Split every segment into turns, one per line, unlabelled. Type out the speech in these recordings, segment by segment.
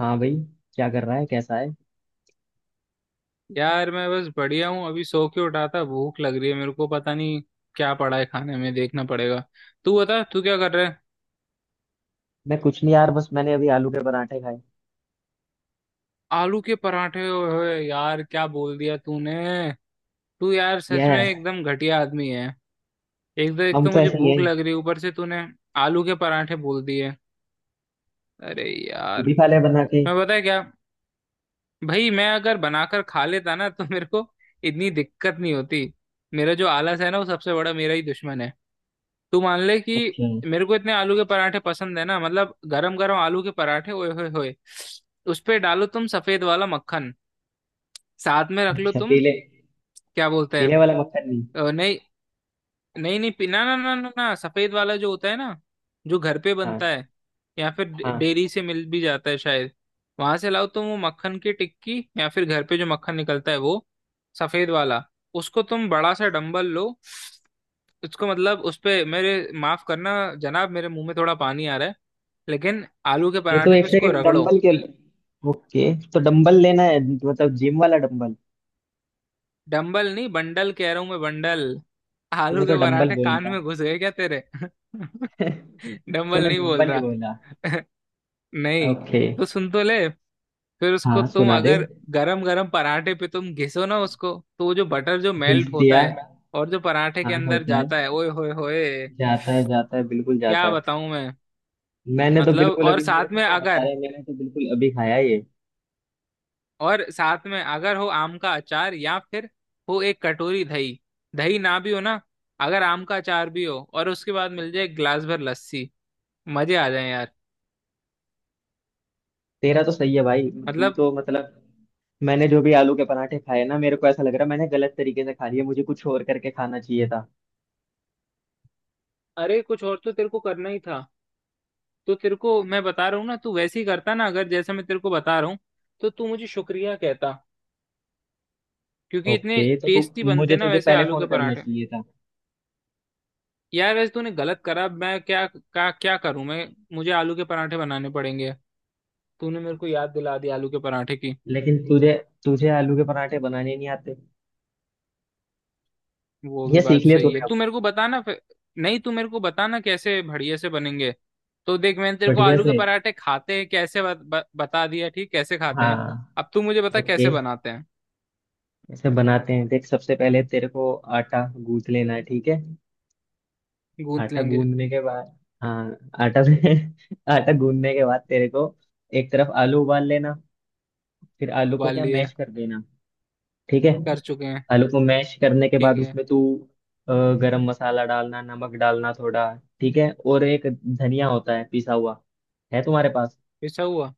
हाँ भाई, क्या कर रहा है? कैसा है?
यार मैं बस बढ़िया हूँ। अभी सो के उठा था, भूख लग रही है, मेरे को पता नहीं क्या पड़ा है खाने में, देखना पड़ेगा। तू बता, तू क्या कर रहा है।
मैं कुछ नहीं यार, बस मैंने अभी आलू के पराठे खाए।
आलू के पराठे? ओए यार, क्या बोल दिया तूने। तू यार सच में
यस।
एकदम घटिया आदमी है। एक तो एक
हम
तो
तो
मुझे
ऐसे ही
भूख
हैं।
लग रही है, ऊपर से तूने आलू के पराठे बोल दिए। अरे
तू
यार।
भी खा ले बना के।
मैं पता है क्या, भाई मैं अगर बनाकर खा लेता ना तो मेरे को इतनी दिक्कत नहीं होती। मेरा जो आलस है ना, वो सबसे बड़ा मेरा ही दुश्मन है। तू मान ले कि
अच्छा,
मेरे को इतने आलू के पराठे पसंद है ना। मतलब गरम गरम आलू के पराठे, ओए होए होए। उस पे डालो तुम सफेद वाला मक्खन, साथ में रख लो
अच्छा
तुम।
पीले।
क्या बोलते
पीले
हैं।
वाला मक्खन नहीं?
नहीं, नहीं नहीं ना ना ना ना ना, सफेद वाला जो होता है ना, जो घर पे बनता
हाँ।
है, या फिर डे-
हाँ
डेयरी से मिल भी जाता है शायद। वहां से लाओ तुम वो मक्खन की टिक्की, या फिर घर पे जो मक्खन निकलता है, वो सफेद वाला। उसको तुम बड़ा सा डंबल लो। उसको मतलब उस पे मेरे, माफ करना जनाब, मेरे मुंह में थोड़ा पानी आ रहा है। लेकिन आलू के
ये तो
पराठे
एक
पे इसको
सेकंड।
रगड़ो।
डंबल के? ओके, तो डंबल लेना है? मतलब जिम वाला डंबल?
डंबल नहीं, बंडल कह रहा हूं मैं, बंडल। आलू
तूने तो
के
डंबल
पराठे
बोला
कान
था।
में घुस गए क्या तेरे? डंबल
तूने
नहीं बोल
डंबल ही
रहा।
बोला।
नहीं।
ओके।
तो सुन तो ले। फिर उसको
हाँ,
तुम
सुना दे।
अगर गरम गरम पराठे पे तुम घिसो ना उसको, तो वो जो बटर जो
घिस
मेल्ट होता
दिया।
है और जो पराठे के
हाँ,
अंदर
होता है।
जाता है, ओए होए होए।
जाता है, जाता है, बिल्कुल जाता
क्या
है।
बताऊं मैं।
मैंने तो
मतलब
बिल्कुल
और
अभी, मेरे
साथ
को
में
क्या बता
अगर
रहा है, मैंने तो बिल्कुल अभी खाया है ये।
और साथ में अगर हो आम का अचार, या फिर हो एक कटोरी दही। दही ना भी हो ना, अगर आम का अचार भी हो, और उसके बाद मिल जाए एक गिलास भर लस्सी, मजे आ जाए यार।
तेरा तो सही है भाई। तू
मतलब।
तो मतलब, मैंने जो भी आलू के पराठे खाए ना, मेरे को ऐसा लग रहा है मैंने गलत तरीके से खा लिए। मुझे कुछ और करके खाना चाहिए था।
अरे कुछ और तो तेरे को करना ही था। तो तेरे को मैं बता रहा हूँ ना, तू वैसे ही करता ना अगर, जैसे मैं तेरे को बता रहा हूँ, तो तू मुझे शुक्रिया कहता। क्योंकि इतने
ओके, तो तू,
टेस्टी
मुझे
बनते ना
तुझे
वैसे
पहले
आलू
फोन
के
करना
पराठे।
चाहिए था।
यार वैसे तूने गलत करा। मैं क्या क्या क्या करूं मैं, मुझे आलू के पराठे बनाने पड़ेंगे। तूने मेरे को याद दिला दी आलू के पराठे की।
लेकिन तुझे तुझे आलू के पराठे बनाने नहीं आते।
वो
ये
भी बात
सीख लिए
सही
तूने
है, तू
अब?
मेरे को बताना फिर। नहीं, तू मेरे को बताना कैसे बढ़िया से बनेंगे। तो देख, मैंने तेरे को
बढ़िया
आलू के
से।
पराठे खाते हैं कैसे बता दिया ठीक, कैसे खाते हैं।
हाँ।
अब तू मुझे बता कैसे
ओके,
बनाते हैं।
ऐसे बनाते हैं देख। सबसे पहले तेरे को आटा गूंथ लेना है, ठीक है?
गूंथ
आटा
लेंगे।
गूंदने के बाद, हाँ, आटा से आटा गूंदने के बाद तेरे को एक तरफ आलू उबाल लेना। फिर आलू को
उबाल
क्या,
लिए।
मैश कर देना, ठीक है।
कर चुके हैं।
आलू को मैश करने के
ठीक
बाद
है।
उसमें तू, अ, गरम मसाला डालना, नमक डालना थोड़ा। ठीक है, और एक धनिया होता है पिसा हुआ, है तुम्हारे पास?
ऐसा हुआ?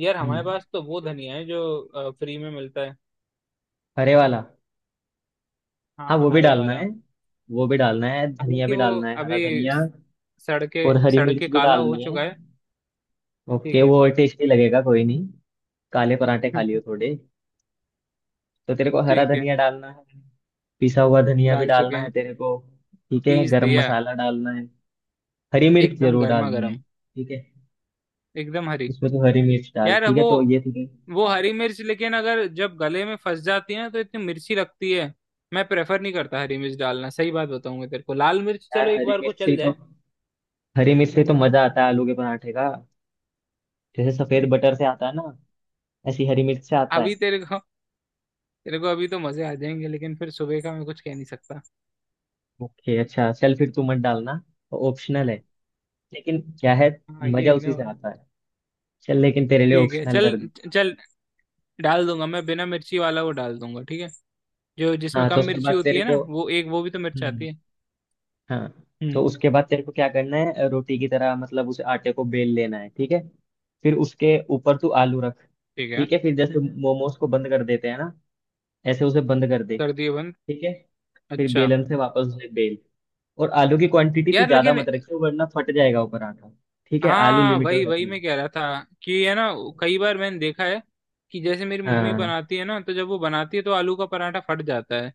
यार हमारे
हम्म,
पास तो वो धनिया है जो फ्री में मिलता है।
हरे वाला। हाँ
हाँ,
वो भी
हरे
डालना
वाला।
है, वो भी डालना है, धनिया
हालांकि
भी
वो
डालना है, हरा
अभी
धनिया। और हरी
सड़ के
मिर्च भी
काला हो
डालनी है।
चुका है।
ओके
ठीक है।
वो और टेस्टी लगेगा, कोई नहीं। काले पराठे खा लियो थोड़े। तो तेरे को हरा
ठीक है।
धनिया डालना है। पिसा हुआ धनिया भी
डाल चुके
डालना है
हैं।
तेरे को। ठीक है,
पीस
गरम
दिया।
मसाला डालना है। हरी मिर्च
एकदम
जरूर
गर्मा
डालनी है,
गर्म।
ठीक है?
एकदम हरी।
उसमें तो हरी मिर्च डाल,
यार
ठीक है,
वो
तो ये ठीक है।
वो हरी मिर्च लेकिन अगर जब गले में फंस जाती है ना, तो इतनी मिर्ची लगती है। मैं प्रेफर नहीं करता हरी मिर्च डालना। सही बात बताऊंगा तेरे को, लाल मिर्च
यार
चलो एक
हरी
बार को
मिर्च से
चल
ही तो
जाए।
हरी मिर्च से ही तो मजा आता है आलू के पराठे का। जैसे सफेद बटर से आता है ना, ऐसी हरी मिर्च से आता है।
अभी तेरे को अभी तो मजे आ जाएंगे, लेकिन फिर सुबह का मैं कुछ कह नहीं सकता।
ओके, अच्छा चल फिर तू मत डालना, ऑप्शनल है। लेकिन क्या है,
हाँ ये
मजा
ही
उसी
ना
से
भाई।
आता है। चल, लेकिन तेरे लिए
ठीक है
ऑप्शनल
चल।
कर दूं।
चल। डाल दूंगा मैं बिना मिर्ची वाला, वो डाल दूंगा। ठीक है, जो जिसमें
हाँ तो
कम
उसके
मिर्ची
बाद
होती
तेरे
है ना,
को,
वो एक, वो भी तो मिर्च
हम्म,
आती है।
हाँ तो
हम्म।
उसके बाद तेरे को क्या करना है, रोटी की तरह मतलब उस आटे को बेल लेना है, ठीक है। फिर उसके ऊपर तू आलू रख,
ठीक है।
ठीक है। फिर जैसे मोमोज को बंद कर देते हैं ना, ऐसे उसे बंद कर दे।
कर दिए बंद।
ठीक है, फिर
अच्छा।
बेलन से वापस उसे बेल। और आलू की क्वांटिटी तू
यार
ज्यादा
लेकिन,
मत रखियो, वरना फट जाएगा ऊपर आटा। ठीक है, आलू
हाँ
लिमिट
वही
में
वही
रखना।
मैं कह रहा था कि, है ना, कई बार मैंने देखा है कि जैसे मेरी मम्मी
हाँ।
बनाती है ना, तो जब वो बनाती है तो आलू का पराठा फट जाता है।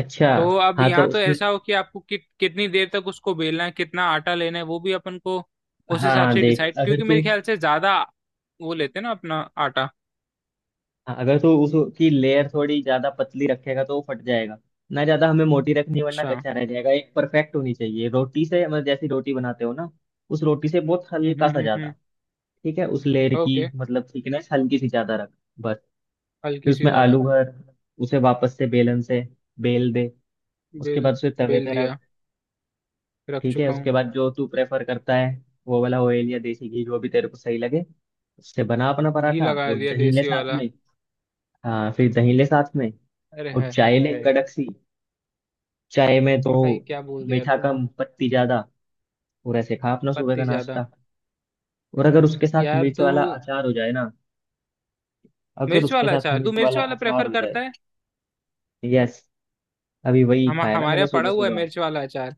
अच्छा।
तो अब
हाँ तो
यहाँ तो
उसमें,
ऐसा हो कि आपको कितनी देर तक उसको बेलना है, कितना आटा लेना है, वो भी अपन को उस हिसाब
हाँ
से
देख
डिसाइड,
अगर
क्योंकि
तू
मेरे ख्याल से ज्यादा वो लेते हैं ना अपना आटा।
हाँ, अगर तू उसकी लेयर थोड़ी ज्यादा पतली रखेगा तो वो फट जाएगा। ना ज्यादा हमें मोटी रखनी है, वरना
अच्छा।
कच्चा रह जाएगा। एक परफेक्ट होनी चाहिए रोटी से, मतलब जैसी रोटी बनाते हो ना, उस रोटी से बहुत हल्का सा
हम्म।
ज्यादा। ठीक है, उस लेयर की
ओके।
मतलब थिकनेस हल्की सी ज्यादा रख, बस। फिर
हल्की सी
उसमें
ज्यादा।
आलू भर, उसे वापस से बेलन से बेल दे। उसके
बेल
बाद उसे तवे
बेल
पे रख,
दिया। रख
ठीक है।
चुका हूँ।
उसके बाद जो तू प्रेफर करता है, वो वाला ऑयल या देसी घी जो भी तेरे को सही लगे, उससे बना अपना
घी
पराठा,
लगा
और
दिया
दही ले
देसी
साथ
वाला।
में। हाँ फिर दही ले साथ में।
अरे
और
है
चाय
है।
ले कड़क सी, चाय में तो
भाई क्या बोल दिया यार
मीठा
तूने।
कम पत्ती ज्यादा। और ऐसे खा अपना सुबह का
पत्ती ज्यादा।
नाश्ता। और अगर उसके साथ
यार
मिर्च
तू,
वाला अचार हो जाए ना अगर
मिर्च
उसके
वाला
साथ
अचार, तू
मिर्च
मिर्च
वाला
वाला
अचार
प्रेफर
हो
करता
जाए।
है?
यस। अभी वही
हम
खाया ना
हमारे
मैंने
यहाँ
सुबह
पड़ा हुआ है
सुबह।
मिर्च वाला अचार।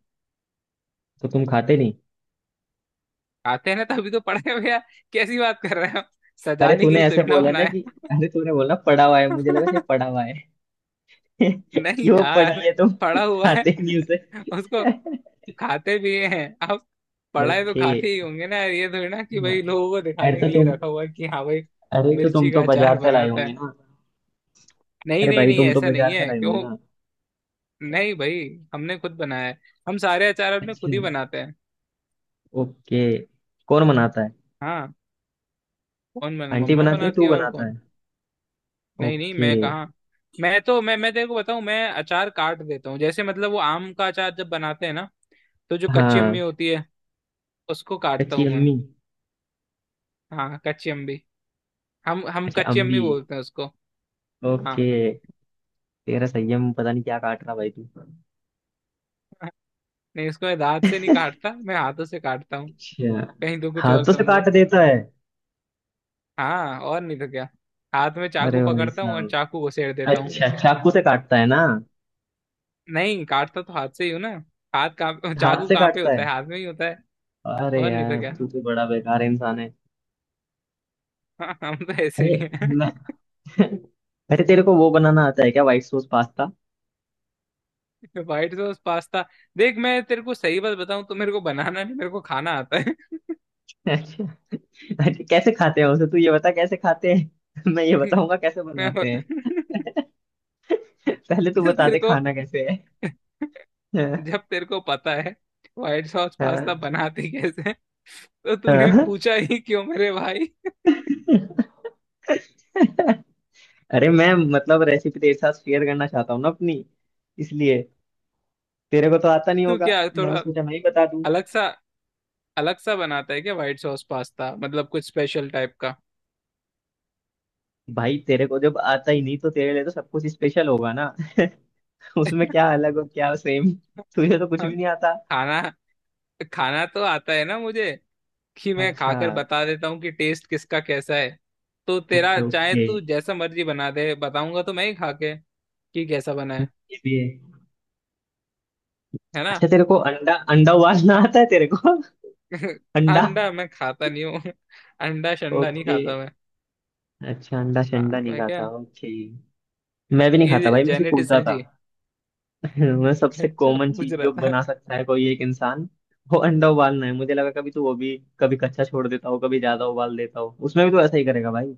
तो तुम खाते नहीं?
खाते हैं ना तभी तो पड़े हुए हैं। कैसी बात कर रहे हो,
अरे
सजाने के
तूने
लिए
ऐसे
थोड़ी ना
बोला ना
बनाया।
कि, अरे तूने बोला पड़ा हुआ है, मुझे लगा सही पड़ा हुआ है।
नहीं
क्यों पढ़
यार,
लिए? तुम
पड़ा हुआ है,
चाहते नहीं उसे?
उसको खाते भी हैं आप, पढ़ाए तो
ओके।
खाते ही होंगे ना, ये थोड़ी ना कि
हाँ।
भाई लोगों को
अरे
दिखाने
तो
के लिए
तुम
रखा हुआ है कि हाँ भाई
अरे तो तुम
मिर्ची का
तो
अचार
बाजार से लाए
बनाता
होंगे
है।
ना?
नहीं
अरे
नहीं
भाई
नहीं,
तुम तो
ऐसा नहीं
बाजार से
है।
लाए
क्यों,
होंगे ना?
नहीं भाई, हमने खुद बनाया है। हम सारे अचार अपने
अच्छा।
खुद ही बनाते हैं।
ओके। कौन बनाता है?
हाँ।
आंटी
मम्मा
बनाती है?
बनाती
तू
है, और
बनाता है?
कौन। नहीं नहीं,
ओके।
मैं कहाँ। मैं तो, मैं तेरे को बताऊं, मैं अचार काट देता हूँ जैसे, मतलब वो आम का अचार जब बनाते हैं ना, तो जो कच्ची अम्मी
हाँ,
होती है, उसको काटता
कच्ची
हूँ मैं।
अम्मी।
हाँ कच्ची अम्मी। हम
अच्छा,
कच्ची अम्मी
अम्मी।
बोलते हैं उसको। हाँ।
ओके। तेरा संयम पता नहीं क्या काट रहा भाई तू।
नहीं, उसको मैं दांत से नहीं काटता, मैं हाथों से काटता हूँ।
अच्छा,
कहीं तो कुछ और
हाथों से
समझे।
काट देता है।
हाँ और नहीं तो क्या, हाथ में चाकू
अरे भाई
पकड़ता हूँ और
साहब।
चाकू को सेड़ देता हूँ।
अच्छा, चाकू से काटता है ना?
नहीं, काटता तो हाथ से ही हूँ ना। हाथ कहाँ,
हाथ
चाकू
से
कहाँ पे
काटता
होता
है?
है, हाथ में ही होता है।
अरे
और नहीं तो
यार
क्या।
तू तो बड़ा बेकार इंसान है।
हाँ, हम तो ऐसे
अरे,
ही
मैं
हैं।
अरे तेरे को वो बनाना आता है क्या, white sauce pasta?
White sauce pasta. देख मैं तेरे को सही बात बताऊं, तो मेरे को बनाना नहीं, मेरे को खाना आता है।
अच्छा। अच्छा, कैसे खाते हैं उसे तू ये बता, कैसे खाते हैं? मैं ये बताऊंगा कैसे
मैं
बनाते हैं। पहले तू
तो
बता
तेरे
दे
को
खाना कैसे है। हाँ,
जब तेरे को पता है व्हाइट सॉस
हाँ,
पास्ता बनाते कैसे हैं, तो तूने
हाँ।
पूछा ही क्यों मेरे भाई।
अरे मैं मतलब रेसिपी तेरे साथ शेयर करना चाहता हूँ ना अपनी, इसलिए। तेरे को तो आता नहीं
तू
होगा,
क्या
मैंने
थोड़ा
सोचा मैं ही बता दूं।
अलग सा, अलग सा बनाता है क्या व्हाइट सॉस पास्ता, मतलब कुछ स्पेशल टाइप का।
भाई तेरे को जब आता ही नहीं तो तेरे लिए तो सब कुछ स्पेशल होगा ना। उसमें क्या अलग और क्या सेम। तुझे तो कुछ भी नहीं आता।
खाना खाना तो आता है ना मुझे, कि मैं
अच्छा।
खाकर बता देता हूँ कि टेस्ट किसका कैसा है। तो तेरा
ओके,
चाहे
ओके।
तू जैसा मर्जी बना दे, बताऊंगा तो मैं ही खा के कि कैसा बना है।
ये भी है।
है ना।
अच्छा तेरे को अंडा, अंडा उबालना आता है तेरे को? अंडा।
अंडा मैं खाता नहीं हूँ। अंडा शंडा नहीं
ओके।
खाता मैं।
अच्छा, अंडा
हाँ
शंडा नहीं
मैं क्या,
खाता, ओके। मैं भी नहीं खाता
ये
भाई, मैं सिर्फ पूछ
जेनेटिक्स
रहा
है
था।
जी।
मैं, सबसे
अच्छा,
कॉमन
पूछ
चीज
रहा
जो
था।
बना सकता है कोई एक इंसान, वो अंडा उबालना है। मुझे लगा कभी तो वो भी, कभी कच्चा छोड़ देता हो कभी ज्यादा उबाल देता हो, उसमें भी तो ऐसा ही करेगा भाई।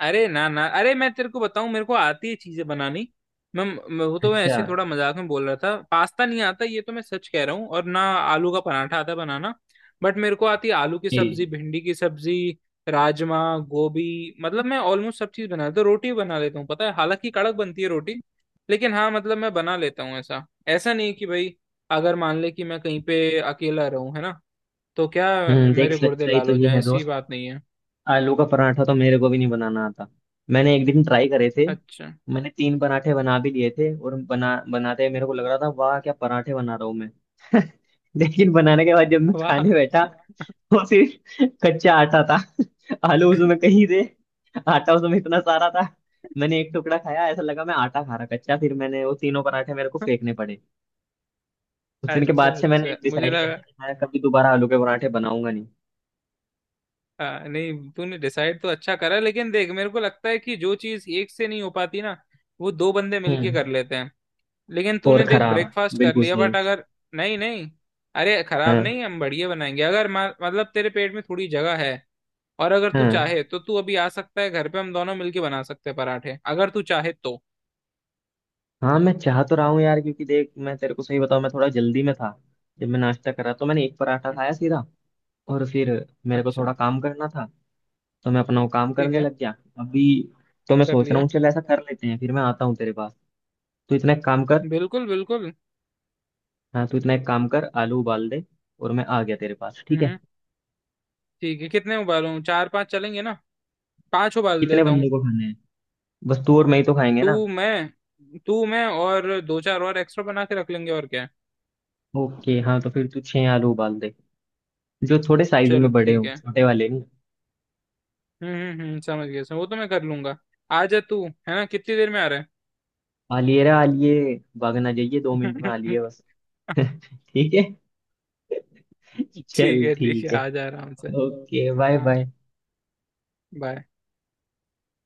अरे ना ना, अरे मैं तेरे को बताऊं, मेरे को आती है चीजें बनानी। मैं, मैं वो तो मैं
अच्छा,
ऐसे ही थोड़ा मजाक में बोल रहा था, पास्ता नहीं आता ये तो मैं सच कह रहा हूँ, और ना आलू का पराठा आता बनाना। बट मेरे को आती है आलू की सब्जी,
ये
भिंडी की सब्जी, राजमा, गोभी, मतलब मैं ऑलमोस्ट सब चीज बना लेता हूँ। रोटी भी बना लेता हूँ पता है, हालांकि कड़क बनती है रोटी, लेकिन हाँ मतलब मैं बना लेता हूँ। ऐसा ऐसा नहीं कि भाई, अगर मान ले कि मैं कहीं पे अकेला रहूं, है ना, तो क्या
हम्म, देख
मेरे गुर्दे
सच्चाई
लाल
तो
हो
ये
जाएं,
है
ऐसी
दोस्त,
बात नहीं है।
आलू का पराठा तो मेरे को भी नहीं बनाना आता। मैंने एक दिन ट्राई करे थे।
अच्छा।
मैंने तीन पराठे बना भी लिए थे, और बना बनाते मेरे को लग रहा था वाह क्या पराठे बना रहा हूँ मैं। लेकिन बनाने के बाद जब मैं
वाह।
खाने बैठा, वो सिर्फ कच्चा आटा था। आलू उसमें कहीं थे, आटा उसमें इतना सारा था। मैंने एक टुकड़ा खाया, ऐसा लगा मैं आटा खा रहा कच्चा। फिर मैंने वो तीनों पराठे मेरे को फेंकने पड़े। उस दिन के
अच्छा
बाद से मैंने
अच्छा, मुझे
डिसाइड किया
लगा,
था कि मैं कभी दोबारा आलू के पराठे बनाऊंगा नहीं।
नहीं, तूने डिसाइड तो अच्छा करा, लेकिन देख मेरे को लगता है कि जो चीज एक से नहीं हो पाती ना, वो दो बंदे मिलके
हम्म।
कर लेते हैं। लेकिन
और
तूने देख
खराब।
ब्रेकफास्ट कर
बिल्कुल
लिया,
सही।
बट अगर, नहीं नहीं, अरे खराब
हाँ।
नहीं, हम बढ़िया बनाएंगे अगर, मतलब तेरे पेट में थोड़ी जगह है, और अगर तू
हाँ,
चाहे तो तू अभी आ सकता है घर पे, हम दोनों मिलके बना सकते हैं पराठे, अगर तू चाहे तो।
हाँ मैं चाह तो रहा हूँ यार, क्योंकि देख मैं तेरे को सही बताऊँ मैं थोड़ा जल्दी में था। जब मैं नाश्ता कर रहा तो मैंने एक पराठा खाया सीधा, और फिर मेरे को
अच्छा।
थोड़ा काम करना था, तो मैं अपना वो काम
ठीक
करने
है,
लग गया। अभी तो मैं
कर
सोच रहा
लिया।
हूँ चल ऐसा कर लेते हैं, फिर मैं आता हूँ तेरे पास। तू इतना एक काम कर,
बिल्कुल बिल्कुल।
हाँ तू इतना एक काम कर, आलू उबाल दे, और मैं आ गया तेरे पास, ठीक है।
हम्म। ठीक है, कितने उबालूं, चार पांच चलेंगे ना, पांच उबाल
कितने
देता हूँ।
बंदों को खाने हैं? बस तू और मैं ही तो खाएंगे
तू
ना।
मैं, तू मैं और दो चार और एक्स्ट्रा बना के रख लेंगे, और क्या है।
ओके हाँ तो फिर तू छह आलू उबाल दे, जो थोड़े साइज में
चल
बड़े
ठीक
हो,
है।
छोटे वाले नहीं।
समझ गया, समझ वो तो मैं कर लूंगा। आ जा तू, है ना, कितनी देर में आ रहा है।
आलिए रे आलिए, भागना जाइए, 2 मिनट में आलिए बस। ठीक है, चल
ठीक है ठीक है,
ठीक है।
आ जा आराम से।
ओके, बाय
हाँ,
बाय।
बाय।